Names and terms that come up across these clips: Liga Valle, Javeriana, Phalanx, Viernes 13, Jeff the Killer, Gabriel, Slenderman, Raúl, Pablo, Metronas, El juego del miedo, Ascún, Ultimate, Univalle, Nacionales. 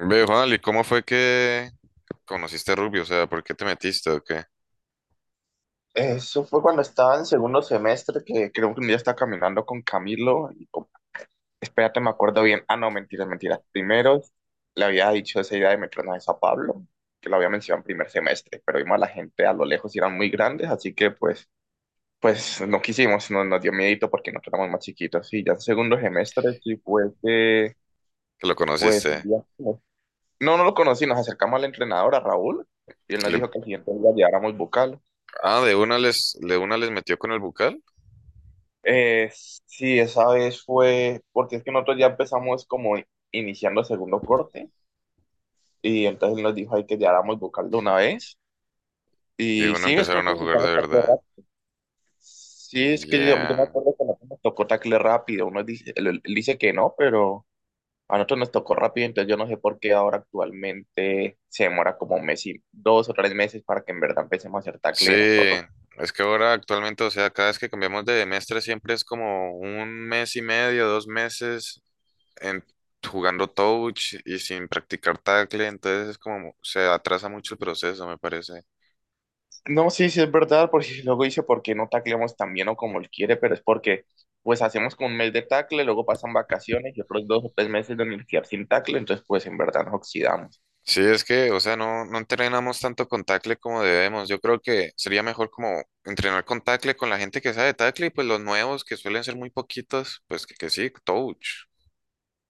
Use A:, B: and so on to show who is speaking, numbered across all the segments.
A: Ve, Juan, ¿y cómo fue que conociste a Rugby? O sea, ¿por qué te metiste o qué?
B: Eso fue cuando estaba en segundo semestre, que creo que un día estaba caminando con Camilo. Y, como, espérate, me acuerdo bien. Ah, no, mentira, Primero le había dicho esa idea de Metronas a Pablo, que lo había mencionado en primer semestre, pero vimos a la gente a lo lejos y eran muy grandes, así que pues no quisimos, no, nos dio miedito porque nosotros éramos más chiquitos. Y ya en segundo semestre, sí fue que,
A: Que lo
B: pues un
A: conociste.
B: día. No, no lo conocí, nos acercamos al entrenador, a Raúl, y él
A: Y
B: nos
A: le-
B: dijo que el siguiente día lleváramos bucal.
A: Ah, de una les metió con el bucal
B: Sí, esa vez fue, porque es que nosotros ya empezamos como iniciando el segundo corte y entonces él nos dijo ahí que ya hagamos vocal de una vez
A: y de
B: y
A: una
B: sí, es que
A: empezaron a
B: nosotros
A: jugar de
B: empezamos tacle
A: verdad.
B: rápido. Sí, es
A: Y
B: que yo me
A: ya.
B: acuerdo que nosotros nos tocó tacle rápido, uno dice, él dice que no, pero a nosotros nos tocó rápido, entonces yo no sé por qué ahora actualmente se demora como un mes y dos o tres meses para que en verdad empecemos a hacer
A: Sí,
B: tacle nosotros.
A: es que ahora actualmente, o sea, cada vez que cambiamos de mestre siempre es como un mes y medio, dos meses en, jugando touch y sin practicar tackle, entonces es como se atrasa mucho el proceso, me parece.
B: No, sí, sí es verdad, porque luego dice por qué no tacleamos tan bien o como él quiere, pero es porque pues hacemos como un mes de tacle, luego pasan vacaciones y otros dos o tres meses de universidad sin tacle, entonces pues en verdad nos oxidamos.
A: Sí, es que, o sea, no entrenamos tanto con tackle como debemos. Yo creo que sería mejor como entrenar con tackle con la gente que sabe tackle y pues los nuevos que suelen ser muy poquitos, pues que sí, touch.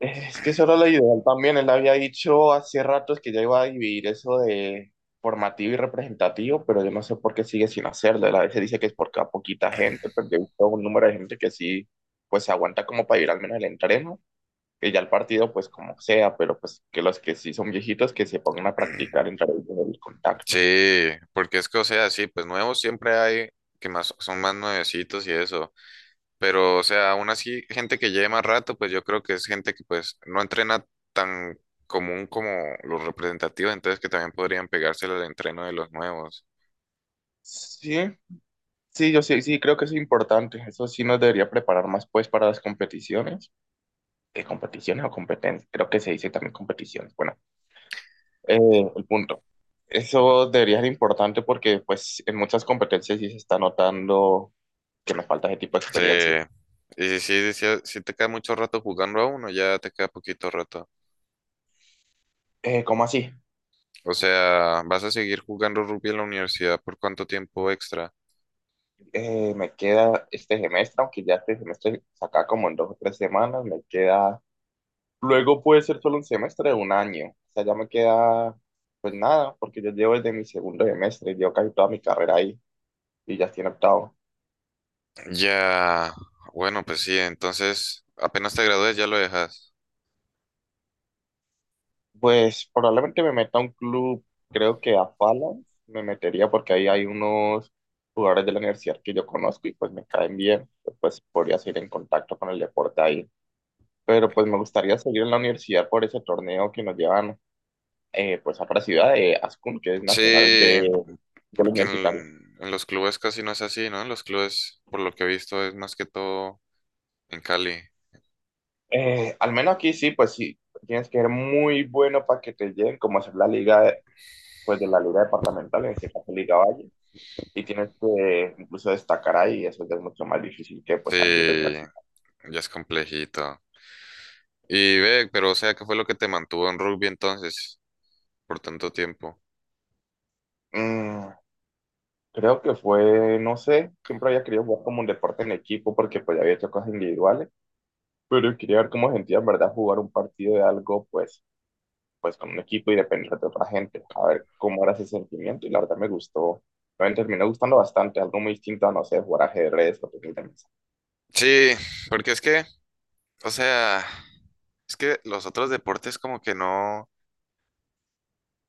B: Es que eso era lo ideal también, él había dicho hace ratos que ya iba a dividir eso de formativo y representativo, pero yo no sé por qué sigue sin hacerlo, él a veces dice que es porque a poquita gente, pero yo he visto un número de gente que sí pues se aguanta como para ir al menos el entreno que ya el partido, pues como sea, pero pues que los que sí son viejitos que se pongan a practicar en través del contacto.
A: Sí, porque es que, o sea, sí, pues nuevos siempre hay que más son más nuevecitos y eso. Pero, o sea, aún así, gente que lleve más rato, pues yo creo que es gente que pues no entrena tan común como los representativos, entonces que también podrían pegárselo al entreno de los nuevos.
B: Sí, sí, yo sí, creo que es importante. Eso sí nos debería preparar más pues para las competiciones. ¿Qué competiciones o competencias? Creo que se dice también competiciones. Bueno, eh, el punto. Eso debería ser importante porque pues en muchas competencias sí se está notando que nos falta ese tipo de
A: Sí,
B: experiencia.
A: y si te queda mucho rato jugando a uno, ya te queda poquito rato.
B: ¿Cómo así?
A: O sea, vas a seguir jugando rugby en la universidad por cuánto tiempo extra.
B: Me queda este semestre, aunque ya este semestre saca como en dos o tres semanas, me queda. Luego puede ser solo un semestre de un año. O sea, ya me queda pues nada, porque yo llevo desde mi segundo semestre, llevo casi toda mi carrera ahí y ya estoy en octavo.
A: Ya, bueno, pues sí, entonces apenas te gradúes ya lo dejas.
B: Pues probablemente me meta a un club, creo que a Phalanx me metería porque ahí hay unos jugadores de la universidad que yo conozco y pues me caen bien. Pues podría seguir en contacto con el deporte ahí. Pero pues me gustaría seguir en la universidad por ese torneo que nos llevan pues a otra ciudad de Ascún, que es
A: Sí,
B: Nacionales
A: p-
B: del
A: porque
B: Universitario.
A: en los clubes casi no es así, ¿no? En los clubes, por lo que he visto, es más que todo en Cali.
B: Al menos aquí sí, pues sí, tienes que ser muy bueno para que te lleguen, como hacer la liga, pues de la liga departamental, en este caso Liga Valle, y tienes que incluso destacar ahí, eso ya es mucho más difícil que pues a nivel
A: Sí,
B: universitario.
A: ya es complejito. Y ve, pero o sea, ¿qué fue lo que te mantuvo en rugby entonces por tanto tiempo?
B: Mm, creo que fue, no sé, siempre había querido jugar como un deporte en equipo porque pues ya había hecho cosas individuales, pero quería ver cómo sentía en verdad jugar un partido de algo pues con un equipo y depender de otra gente, a ver cómo era ese sentimiento y la verdad me gustó, me terminó gustando bastante, algo muy distinto a, no sé, jugar ajedrez o tenis de mesa.
A: Sí, porque es que, o sea, es que los otros deportes como que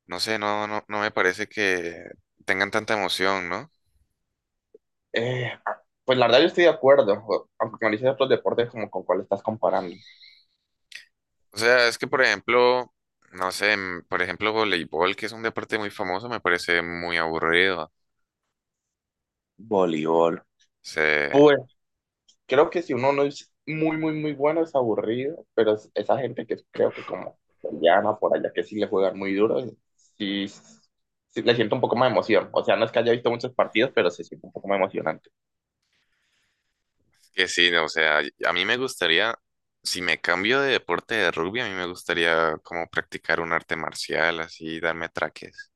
A: no sé, no me parece que tengan tanta emoción, ¿no?
B: Eh, pues la verdad yo estoy de acuerdo, aunque me dices otros deportes como con cuál estás comparando.
A: O sea, es que por ejemplo, no sé, por ejemplo, voleibol, que es un deporte muy famoso, me parece muy aburrido.
B: Voleibol.
A: Se-
B: Pues creo que si uno no es muy, muy, muy bueno es aburrido, pero esa gente que creo que como se llama por allá, que sí le juegan muy duro, sí, sí le siento un poco más de emoción. O sea, no es que haya visto muchos partidos, pero se siente un poco más emocionante.
A: que sí, no, o sea, a mí me gustaría, si me cambio de deporte de rugby, a mí me gustaría como practicar un arte marcial, así, darme traques.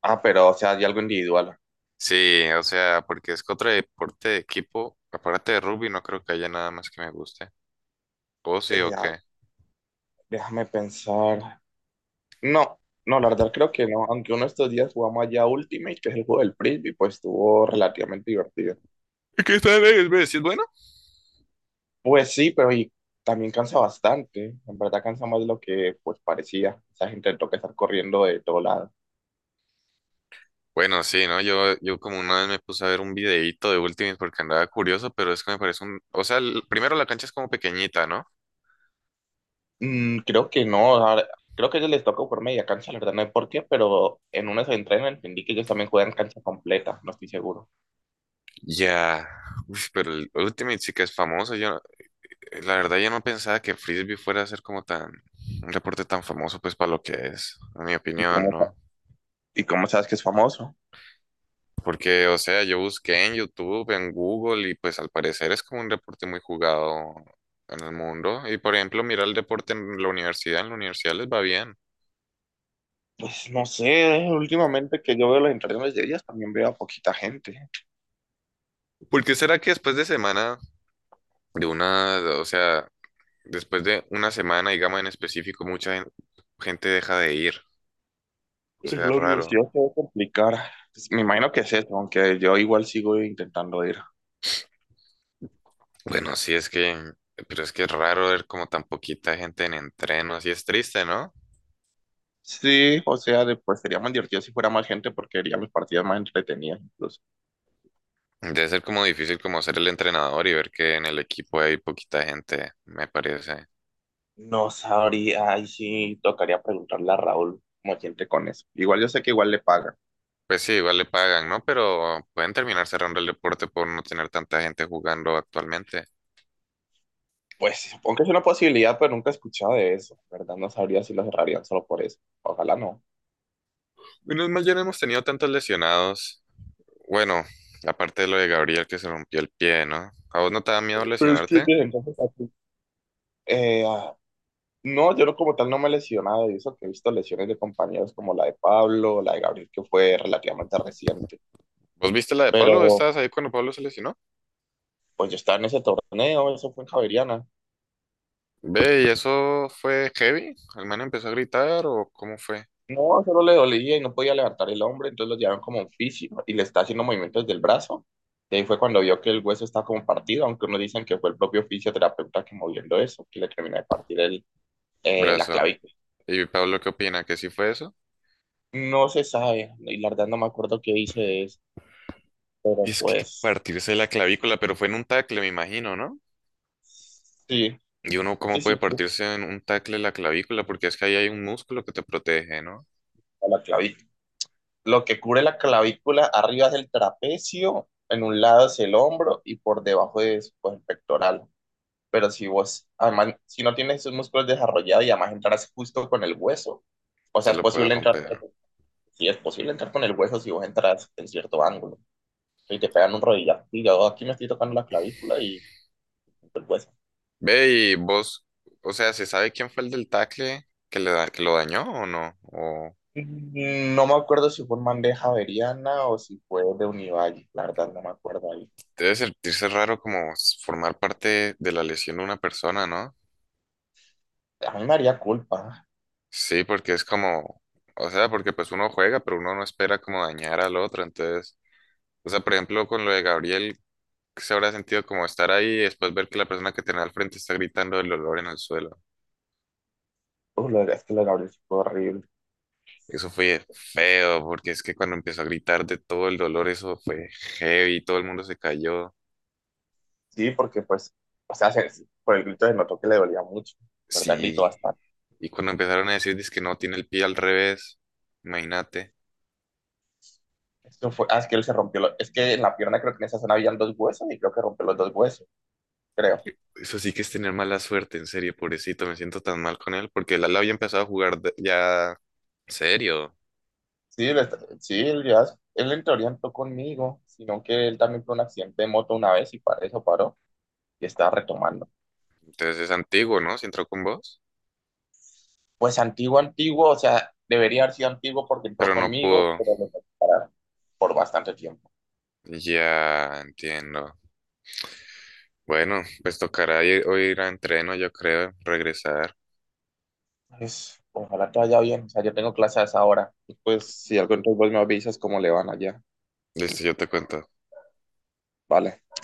B: Ah, pero, o sea, hay algo individual.
A: Sí, o sea, porque es que otro deporte de equipo, aparte de rugby, no creo que haya nada más que me guste. ¿O sí o
B: Eh, ah,
A: qué?
B: déjame pensar. No, no, la verdad creo que no. Aunque uno de estos días jugamos allá Ultimate, que es el juego del Frisbee, pues estuvo relativamente divertido.
A: ¿Y qué tal es? ¿Ves? ¿Sí, es bueno?
B: Pues sí, pero y también cansa bastante. En verdad cansa más de lo que pues parecía. Esa gente le toca estar corriendo de todo lado.
A: Bueno, sí, ¿no? Yo como una vez me puse a ver un videíto de Ultimate porque andaba curioso, pero es que me parece un... O sea, primero la cancha es como pequeñita, ¿no?
B: Creo que no. Creo que a ellos les toca por media cancha, la verdad no sé por qué, pero en uno se entrenan entendí que ellos también juegan cancha completa, no estoy seguro.
A: Ya, uf, pero el Ultimate sí que es famoso. Yo, la verdad, yo no pensaba que Frisbee fuera a ser como tan... Un reporte tan famoso, pues, para lo que es, en mi
B: ¿Y
A: opinión,
B: cómo,
A: ¿no?
B: y cómo sabes que es famoso?
A: Porque, o sea, yo busqué en YouTube, en Google, y pues al parecer es como un deporte muy jugado en el mundo. Y por ejemplo, mira el deporte en la universidad les va bien.
B: Pues no sé, últimamente que yo veo las interacciones de ellas también veo a poquita gente.
A: ¿Por qué será que después de semana, de una, o sea, después de una semana, digamos en específico, mucha gente deja de ir? O
B: Pues,
A: sea, es
B: la
A: raro.
B: universidad se va a complicar. Pues, me imagino que es eso, aunque yo igual sigo intentando ir.
A: Bueno, sí es que, pero es que es raro ver como tan poquita gente en entreno, así es triste, ¿no?
B: Sí, o sea, pues sería más divertido si fuera más gente porque haría mis partidas más entretenidas incluso.
A: Debe ser como difícil como ser el entrenador y ver que en el equipo hay poquita gente, me parece.
B: No sabría, ahí sí tocaría preguntarle a Raúl cómo siente con eso. Igual yo sé que igual le pagan.
A: Pues sí, igual le pagan, ¿no? Pero pueden terminar cerrando el deporte por no tener tanta gente jugando actualmente.
B: Pues supongo que es una posibilidad, pero nunca he escuchado de eso, ¿verdad? No sabría si lo cerrarían solo por eso. Ojalá no.
A: Menos mal ya no hemos tenido tantos lesionados. Bueno, aparte de lo de Gabriel que se rompió el pie, ¿no? ¿A vos no te da miedo
B: Pero es que
A: lesionarte?
B: desde entonces, así, eh, no, yo no como tal no me he lesionado y eso que he visto lesiones de compañeros como la de Pablo, la de Gabriel, que fue relativamente reciente.
A: ¿Vos viste la de Pablo?
B: Pero
A: ¿Estabas ahí cuando Pablo se lesionó?
B: pues yo estaba en ese torneo, eso fue en Javeriana.
A: Ve, ¿y eso fue heavy? ¿El man empezó a gritar o cómo fue?
B: No, solo le dolía y no podía levantar el hombro, entonces lo llevaron como un fisio y le está haciendo movimientos del brazo. Y ahí fue cuando vio que el hueso estaba como partido, aunque unos dicen que fue el propio fisioterapeuta que moviendo eso, que le terminó de partir
A: El
B: la
A: brazo.
B: clavícula.
A: ¿Y Pablo qué opina? ¿Que sí fue eso?
B: No se sabe, y la verdad no me acuerdo qué hice de eso,
A: Y
B: pero
A: es que
B: pues
A: partirse la clavícula, pero fue en un tackle, me imagino, ¿no?
B: sí,
A: Y uno cómo puede
B: sí, fue
A: partirse en un tackle la clavícula, porque es que ahí hay un músculo que te protege, ¿no?
B: a la clavícula. Lo que cubre la clavícula arriba es el trapecio, en un lado es el hombro y por debajo es pues, el pectoral. Pero si vos, además, si no tienes esos músculos desarrollados y además entras justo con el hueso, o
A: Se
B: sea, es
A: lo puede
B: posible entrar,
A: romper.
B: si es posible entrar con el hueso si vos entras en cierto ángulo y te pegan un rodillazo. Y yo aquí me estoy tocando la clavícula y el hueso.
A: Ve y vos, o sea, ¿se sabe quién fue el del tackle que que lo dañó o no? O
B: No me acuerdo si fue en bandeja averiana o si fue de Univalle, la verdad no me acuerdo ahí.
A: debe sentirse raro como formar parte de la lesión de una persona, ¿no?
B: A mí me haría culpa.
A: Sí, porque es como, o sea, porque pues uno juega, pero uno no espera como dañar al otro, entonces, o sea, por ejemplo, con lo de Gabriel, se habrá sentido como estar ahí y después ver que la persona que tenía al frente está gritando el dolor en el suelo.
B: Es que lo de Gabriel fue horrible.
A: Eso fue feo, porque es que cuando empezó a gritar de todo el dolor, eso fue heavy, todo el mundo se cayó.
B: Sí, porque pues, o sea, por el grito se notó que le dolía mucho, ¿verdad? Gritó
A: Sí.
B: bastante.
A: Y cuando empezaron a decir, que no, tiene el pie al revés, imagínate.
B: Eso fue, ah, es que él se rompió, es que en la pierna creo que en esa zona habían dos huesos y creo que rompió los dos huesos, creo.
A: Eso sí que es tener mala suerte, en serio, pobrecito, me siento tan mal con él, porque él había empezado a jugar ya serio.
B: Sí, él, está- sí, él ya, él en teoría entró conmigo, sino que él también tuvo un accidente de moto una vez y para eso paró y está retomando.
A: Entonces es antiguo, ¿no? Si entró con vos,
B: Pues antiguo, antiguo, o sea, debería haber sido antiguo porque entró
A: pero no
B: conmigo,
A: pudo.
B: pero lo tuve que parar por bastante tiempo.
A: Ya entiendo. Bueno, pues tocará ir, o ir a entreno, yo creo, regresar.
B: Pues, ojalá te vaya bien, o sea, yo tengo clases a esa hora. Pues, si algo entonces vos me avisas cómo le van allá.
A: Listo, yo te cuento.
B: Vale.